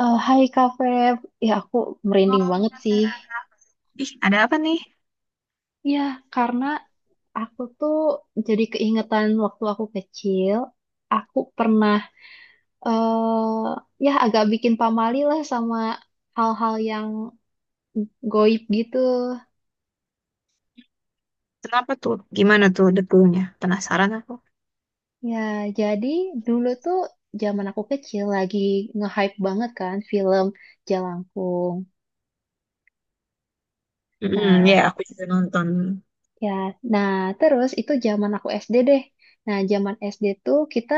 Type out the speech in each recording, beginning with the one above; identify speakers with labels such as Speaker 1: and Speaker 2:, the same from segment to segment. Speaker 1: Eh, hai Kak Feb, ya aku merinding
Speaker 2: Oh,
Speaker 1: banget sih.
Speaker 2: penasaran. Ih, ada apa nih?
Speaker 1: Ya, karena aku tuh jadi keingetan waktu aku kecil, aku pernah, eh ya agak bikin pamali lah sama hal-hal yang goib gitu.
Speaker 2: Kenapa tuh? Gimana tuh detailnya? Penasaran aku.
Speaker 1: Ya, jadi dulu tuh zaman aku kecil lagi nge-hype banget kan film Jalangkung.
Speaker 2: Ya
Speaker 1: Nah,
Speaker 2: aku juga nonton.
Speaker 1: Ya, nah, terus itu zaman aku SD deh. Nah, zaman SD tuh kita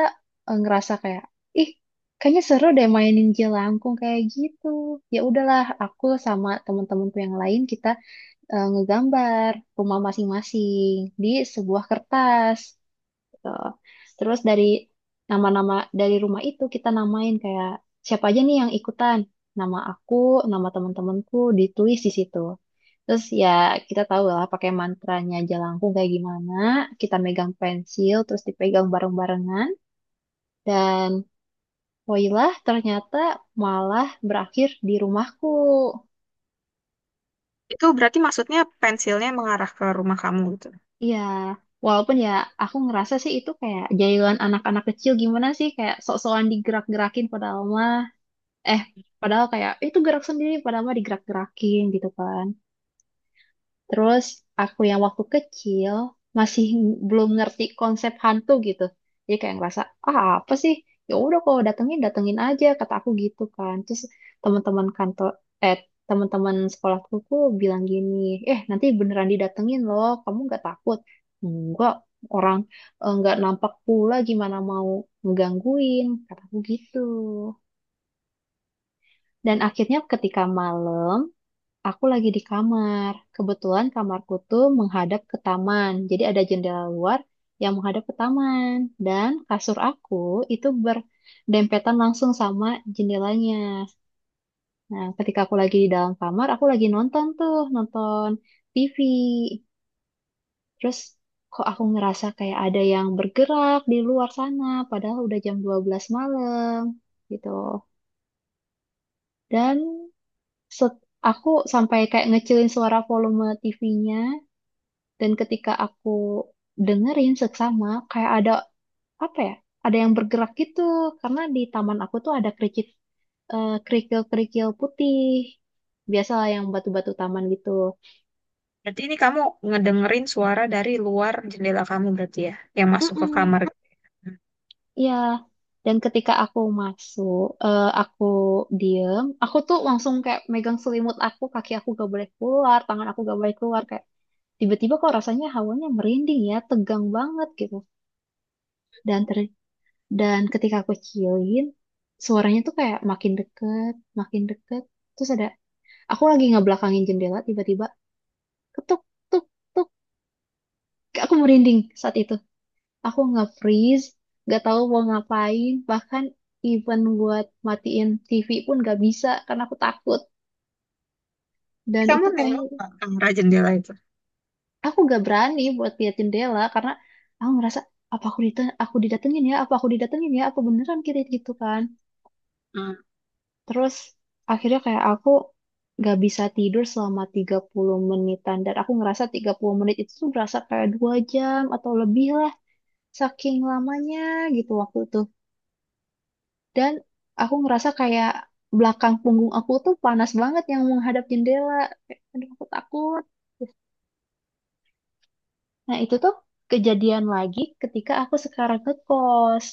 Speaker 1: ngerasa kayak, ih, kayaknya seru deh mainin jelangkung kayak gitu. Ya udahlah, aku sama temen-temenku yang lain kita ngegambar rumah masing-masing di sebuah kertas. Tuh. Terus dari nama-nama dari rumah itu kita namain kayak siapa aja nih yang ikutan. Nama aku, nama teman-temanku ditulis di situ. Terus ya kita tahu lah pakai mantranya Jalangkung kayak gimana. Kita megang pensil terus dipegang bareng-barengan, dan woilah, ternyata malah berakhir di rumahku.
Speaker 2: Itu berarti maksudnya pensilnya mengarah ke rumah kamu gitu.
Speaker 1: Iya, walaupun ya aku ngerasa sih itu kayak jailan anak-anak kecil, gimana sih kayak sok-sokan digerak-gerakin, padahal mah eh padahal kayak, "Eh, itu gerak sendiri, padahal mah digerak-gerakin" gitu kan. Terus aku yang waktu kecil masih belum ngerti konsep hantu gitu, jadi kayak ngerasa, ah apa sih, ya udah kalau datengin datengin aja, kata aku gitu kan. Terus teman-teman kantor eh teman-teman sekolahku tuh bilang gini, "Eh, nanti beneran didatengin loh, kamu nggak takut?" "Enggak, orang nggak nampak pula, gimana mau ngegangguin," kataku gitu. Dan akhirnya ketika malam, aku lagi di kamar. Kebetulan kamarku tuh menghadap ke taman. Jadi ada jendela luar yang menghadap ke taman. Dan kasur aku itu berdempetan langsung sama jendelanya. Nah, ketika aku lagi di dalam kamar, aku lagi nonton tuh, nonton TV. Terus kok aku ngerasa kayak ada yang bergerak di luar sana, padahal udah jam 12 malam gitu. Dan set- aku sampai kayak ngecilin suara volume TV-nya. Dan ketika aku dengerin seksama, kayak ada apa ya? Ada yang bergerak gitu karena di taman aku tuh ada kerikil-kerikil putih. Biasalah yang batu-batu taman gitu.
Speaker 2: Berarti ini kamu ngedengerin suara dari luar jendela kamu berarti ya, yang masuk ke
Speaker 1: Mm-mm,
Speaker 2: kamar. Hmm.
Speaker 1: ya. Dan ketika aku masuk, aku diem, aku tuh langsung kayak megang selimut aku, kaki aku gak boleh keluar, tangan aku gak boleh keluar, kayak tiba-tiba kok rasanya hawanya merinding ya, tegang banget gitu. Dan ter Dan ketika aku kecilin, suaranya tuh kayak makin deket, makin deket. Terus ada, aku lagi ngebelakangin jendela, tiba-tiba ketuk, tuk, tuk. Aku merinding saat itu. Aku nggak freeze, nggak tahu mau ngapain. Bahkan even buat matiin TV pun nggak bisa karena aku takut. Dan
Speaker 2: Kamu
Speaker 1: itu kayak
Speaker 2: nengok nggak ke arah jendela itu?
Speaker 1: aku nggak berani buat lihat jendela karena aku ngerasa, apa aku didatengin ya, apa aku didatengin ya, apa beneran kita gitu kan.
Speaker 2: Hmm.
Speaker 1: Terus akhirnya kayak aku gak bisa tidur selama 30 menitan. Dan aku ngerasa 30 menit itu tuh berasa kayak 2 jam atau lebih lah. Saking lamanya gitu waktu itu. Dan aku ngerasa kayak belakang punggung aku tuh panas banget yang menghadap jendela. Kayak, aduh, aku takut. Nah, itu tuh kejadian lagi ketika aku sekarang ngekos.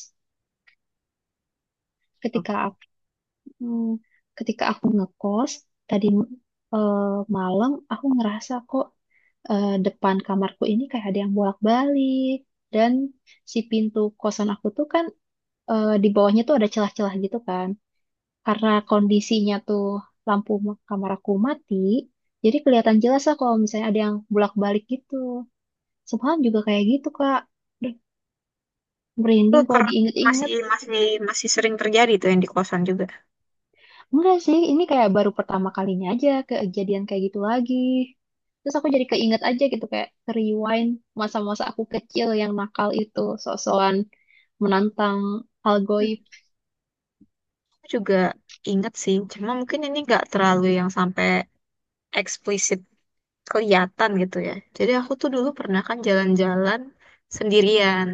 Speaker 1: Ketika
Speaker 2: Oke.
Speaker 1: aku, hmm, Ketika aku ngekos, tadi eh, malam aku ngerasa kok depan kamarku ini kayak ada yang bolak-balik, dan si pintu kosan aku tuh kan, di bawahnya tuh ada celah-celah gitu kan. Karena kondisinya tuh kamar aku mati, jadi kelihatan jelas lah kalau misalnya ada yang bolak-balik gitu. Semalam juga kayak gitu, Kak. Duh,
Speaker 2: Itu
Speaker 1: merinding kalau
Speaker 2: ker masih
Speaker 1: diinget-inget.
Speaker 2: masih masih sering terjadi tuh yang di kosan juga.
Speaker 1: Enggak sih, ini kayak baru pertama kalinya aja kejadian kayak gitu lagi. Terus aku jadi keinget aja gitu kayak rewind masa-masa aku kecil yang nakal itu, sok-sokan menantang hal
Speaker 2: Hmm.
Speaker 1: goib.
Speaker 2: Aku juga inget sih, cuma mungkin ini nggak terlalu yang sampai eksplisit kelihatan gitu ya. Jadi aku tuh dulu pernah kan jalan-jalan sendirian.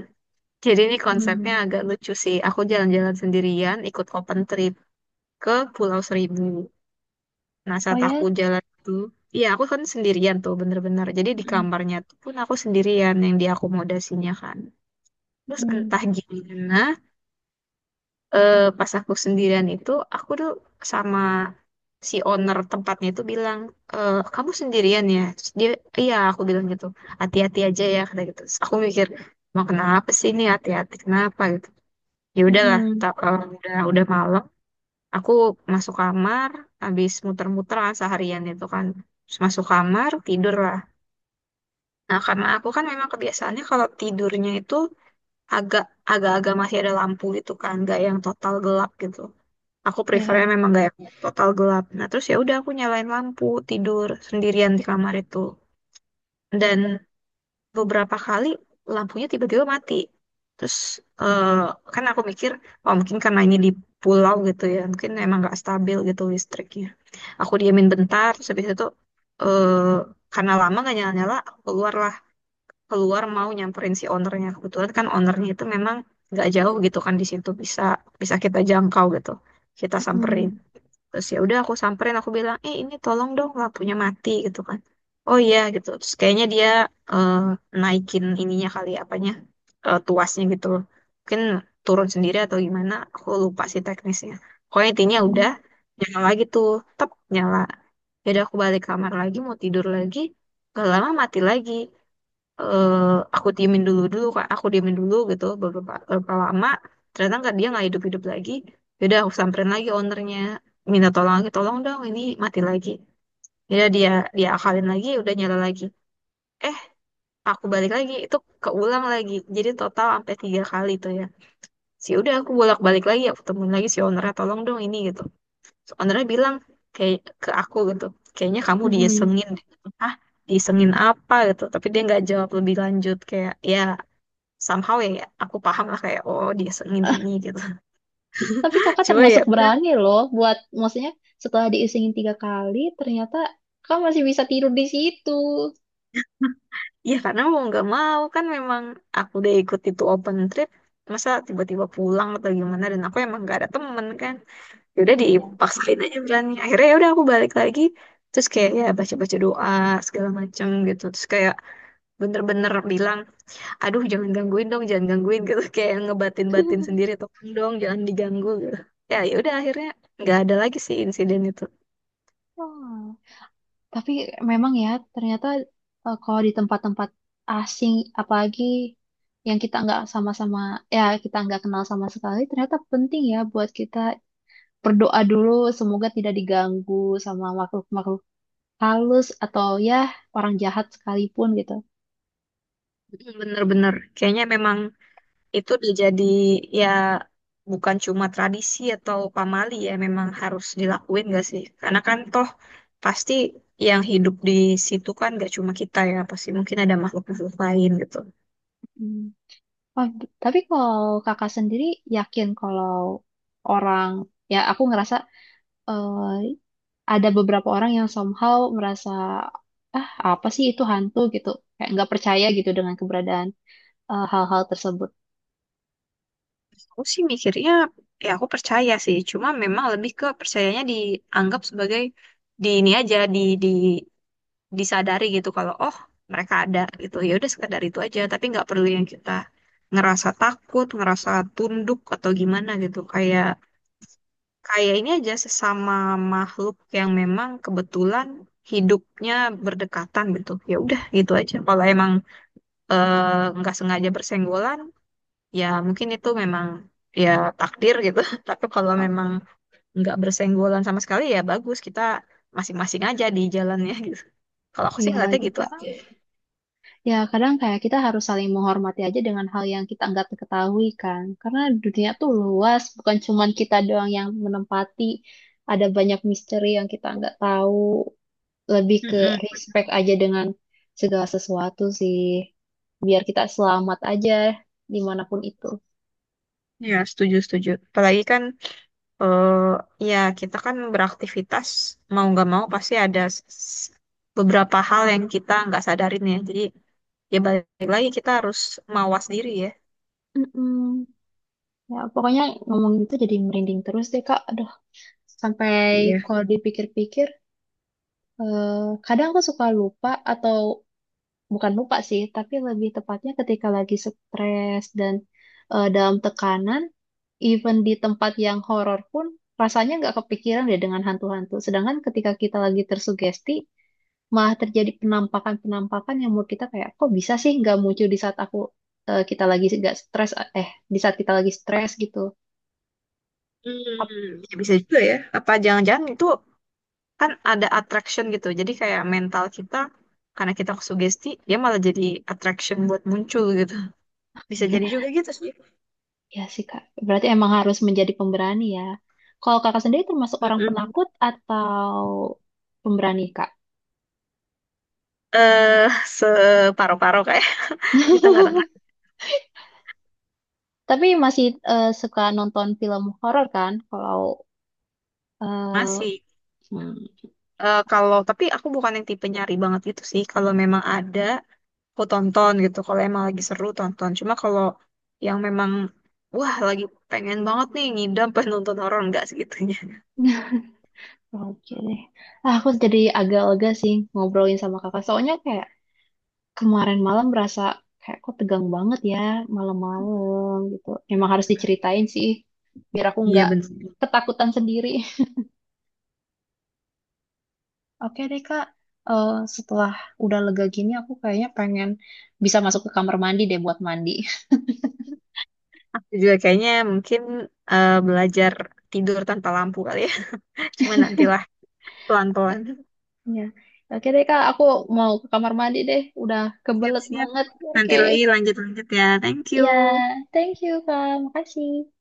Speaker 2: Jadi ini konsepnya
Speaker 1: Mm.
Speaker 2: agak lucu sih. Aku jalan-jalan sendirian, ikut open trip ke Pulau Seribu. Nah,
Speaker 1: Oh
Speaker 2: saat aku
Speaker 1: ya.
Speaker 2: jalan itu, iya aku kan sendirian tuh bener-bener. Jadi di
Speaker 1: Mm.
Speaker 2: kamarnya tuh pun aku sendirian yang diakomodasinya kan. Terus
Speaker 1: Mm.
Speaker 2: entah gimana, pas aku sendirian itu aku tuh sama si owner tempatnya itu bilang, "Eh, kamu sendirian ya?" Terus dia, iya aku bilang gitu, hati-hati aja ya kata gitu. Terus aku mikir, mau kenapa sih ini, hati-hati kenapa gitu. Ya udahlah,
Speaker 1: Mm.
Speaker 2: udah malam, aku masuk kamar, habis muter-muter kan seharian itu kan. Terus masuk kamar tidur lah. Nah, karena aku kan memang kebiasaannya kalau tidurnya itu agak agak-agak masih ada lampu gitu kan, nggak yang total gelap gitu. Aku prefernya
Speaker 1: Ya.
Speaker 2: memang gak yang total gelap. Nah, terus ya udah aku nyalain lampu tidur sendirian di kamar itu. Dan beberapa kali lampunya tiba-tiba mati. Terus eh, kan aku mikir, oh mungkin karena ini di pulau gitu ya, mungkin emang gak stabil gitu listriknya. Aku diamin bentar, terus habis itu eh, karena lama gak nyala-nyala, aku keluar lah. Keluar mau nyamperin si ownernya. Kebetulan kan ownernya itu memang gak jauh gitu kan, di situ bisa bisa kita jangkau gitu. Kita samperin,
Speaker 1: Mm.
Speaker 2: terus ya udah aku samperin, aku bilang, "Eh ini tolong dong lampunya mati gitu kan." Oh iya gitu, terus kayaknya dia eh, naikin ininya kali, apanya, tuasnya gitu loh, mungkin turun sendiri atau gimana, aku lupa sih teknisnya. Pokoknya intinya udah
Speaker 1: Mm.
Speaker 2: nyala lagi tuh, tep, nyala. Jadi aku balik kamar lagi mau tidur lagi, gak lama mati lagi. eh aku diemin dulu, kak, aku diemin dulu gitu beberapa lama, ternyata nggak, dia nggak hidup hidup lagi. Yaudah aku samperin lagi ownernya, minta tolong lagi, tolong dong ini mati lagi. Ya dia dia akalin lagi, udah nyala lagi. eh aku balik lagi itu, keulang lagi. Jadi total sampai tiga kali tuh ya sih. Udah aku bolak balik lagi, aku temuin lagi si ownernya, tolong dong ini gitu. So, ownernya bilang kayak ke aku gitu, "Kayaknya kamu
Speaker 1: Mm.
Speaker 2: diisengin deh." Ah, diisengin apa gitu, tapi dia nggak jawab lebih lanjut, kayak ya somehow ya, ya aku paham lah kayak oh dia sering ini gitu.
Speaker 1: Tapi kakak
Speaker 2: Cuma
Speaker 1: termasuk
Speaker 2: ya udah.
Speaker 1: berani loh buat, maksudnya setelah diisengin 3 kali, ternyata kakak masih bisa tidur di situ.
Speaker 2: Ya karena mau nggak mau kan memang aku udah ikut itu open trip, masa tiba-tiba pulang atau gimana, dan aku emang nggak ada temen kan. Ya udah
Speaker 1: Iya sih.
Speaker 2: dipaksain aja berani, akhirnya ya udah aku balik lagi, terus kayak ya baca-baca doa segala macem gitu, terus kayak bener-bener bilang, aduh jangan gangguin dong, jangan gangguin gitu. Kayak ngebatin-batin sendiri, tolong dong jangan diganggu gitu. Ya udah akhirnya nggak ada lagi sih insiden itu.
Speaker 1: Oh. Tapi memang ya, ternyata kalau di tempat-tempat asing, apalagi yang kita nggak sama-sama, ya kita nggak kenal sama sekali, ternyata penting ya buat kita berdoa dulu, semoga tidak diganggu sama makhluk-makhluk halus atau ya orang jahat sekalipun gitu.
Speaker 2: Mm, bener-bener, kayaknya memang itu udah jadi, ya, bukan cuma tradisi atau pamali ya, memang harus dilakuin gak sih? Karena kan toh pasti yang hidup di situ kan gak cuma kita ya, pasti mungkin ada makhluk-makhluk lain gitu.
Speaker 1: Hmm. Oh, tapi kalau kakak sendiri yakin kalau orang, ya aku ngerasa ada beberapa orang yang somehow merasa, ah apa sih itu hantu gitu, kayak nggak percaya gitu dengan keberadaan hal-hal tersebut.
Speaker 2: Aku sih mikirnya ya aku percaya sih, cuma memang lebih ke percayanya dianggap sebagai di ini aja, di disadari gitu kalau oh mereka ada gitu, ya udah sekedar itu aja, tapi nggak perlu yang kita ngerasa takut, ngerasa tunduk atau gimana gitu. Kayak kayak ini aja sesama makhluk yang memang kebetulan hidupnya berdekatan gitu. Ya udah gitu aja. Kalau emang nggak sengaja bersenggolan, ya mungkin itu memang ya takdir gitu. Tapi kalau memang nggak bersenggolan sama sekali, ya bagus kita masing-masing aja di jalannya gitu. Kalau aku sih
Speaker 1: Iya
Speaker 2: ngeliatnya
Speaker 1: gitu
Speaker 2: gitu aja.
Speaker 1: ya, kadang kayak kita harus saling menghormati aja dengan hal yang kita nggak ketahui kan, karena dunia tuh luas, bukan cuman kita doang yang menempati, ada banyak misteri yang kita nggak tahu, lebih ke
Speaker 2: Mm-mm.
Speaker 1: respect aja dengan segala sesuatu sih, biar kita selamat aja dimanapun itu.
Speaker 2: Ya, setuju, setuju. Apalagi kan eh, ya kita kan beraktivitas mau nggak mau pasti ada beberapa hal yang kita nggak sadarin ya. Jadi ya balik lagi kita harus mawas diri ya.
Speaker 1: Mm-mm. Ya, pokoknya ngomongin itu jadi merinding terus deh, Kak. Aduh, sampai
Speaker 2: Iya.
Speaker 1: kalau dipikir-pikir, eh, kadang aku suka lupa atau bukan lupa sih, tapi lebih tepatnya ketika lagi stres dan dalam tekanan, even di tempat yang horor pun rasanya nggak kepikiran deh dengan hantu-hantu. Sedangkan ketika kita lagi tersugesti, malah terjadi penampakan-penampakan yang menurut kita kayak, kok bisa sih nggak muncul di saat kita lagi nggak stres, eh di saat kita lagi stres gitu. Ap-
Speaker 2: Ya bisa juga ya. Apa jangan-jangan itu kan ada attraction gitu. Jadi kayak mental kita, karena kita sugesti dia, malah jadi attraction buat muncul gitu. Bisa jadi juga gitu sih.
Speaker 1: Ya sih Kak, berarti emang harus menjadi pemberani ya. Kalau Kakak sendiri termasuk orang
Speaker 2: Mm-mm.
Speaker 1: penakut atau pemberani Kak?
Speaker 2: Eh, Separo-paro kayak di tengah-tengah,
Speaker 1: Tapi masih suka nonton film horor kan? Kalau eh,
Speaker 2: masih.
Speaker 1: hmm,
Speaker 2: Kalau tapi aku bukan yang tipe nyari banget gitu sih. Kalau memang ada, aku tonton gitu. Kalau emang lagi seru, tonton. Cuma kalau yang memang wah lagi pengen banget nih, ngidam pengen nonton horor, nggak segitunya.
Speaker 1: oke deh. Ah, aku jadi agak lega sih ngobrolin sama Kakak. Soalnya kayak kemarin malam berasa kayak kok tegang banget ya malam-malam gitu. Emang harus diceritain sih biar aku
Speaker 2: Iya
Speaker 1: nggak
Speaker 2: bener.
Speaker 1: ketakutan sendiri. Oke deh Kak, setelah udah lega gini aku kayaknya pengen bisa masuk ke kamar mandi deh buat mandi.
Speaker 2: Aku juga kayaknya mungkin belajar tidur tanpa lampu kali ya. Cuma nantilah, pelan-pelan.
Speaker 1: Ya. Oke deh Kak, aku mau ke kamar mandi deh. Udah kebelet
Speaker 2: Siap-siap.
Speaker 1: banget.
Speaker 2: Nanti
Speaker 1: Oke.
Speaker 2: lagi lanjut-lanjut ya. Thank you.
Speaker 1: Ya, thank you Kak. Makasih.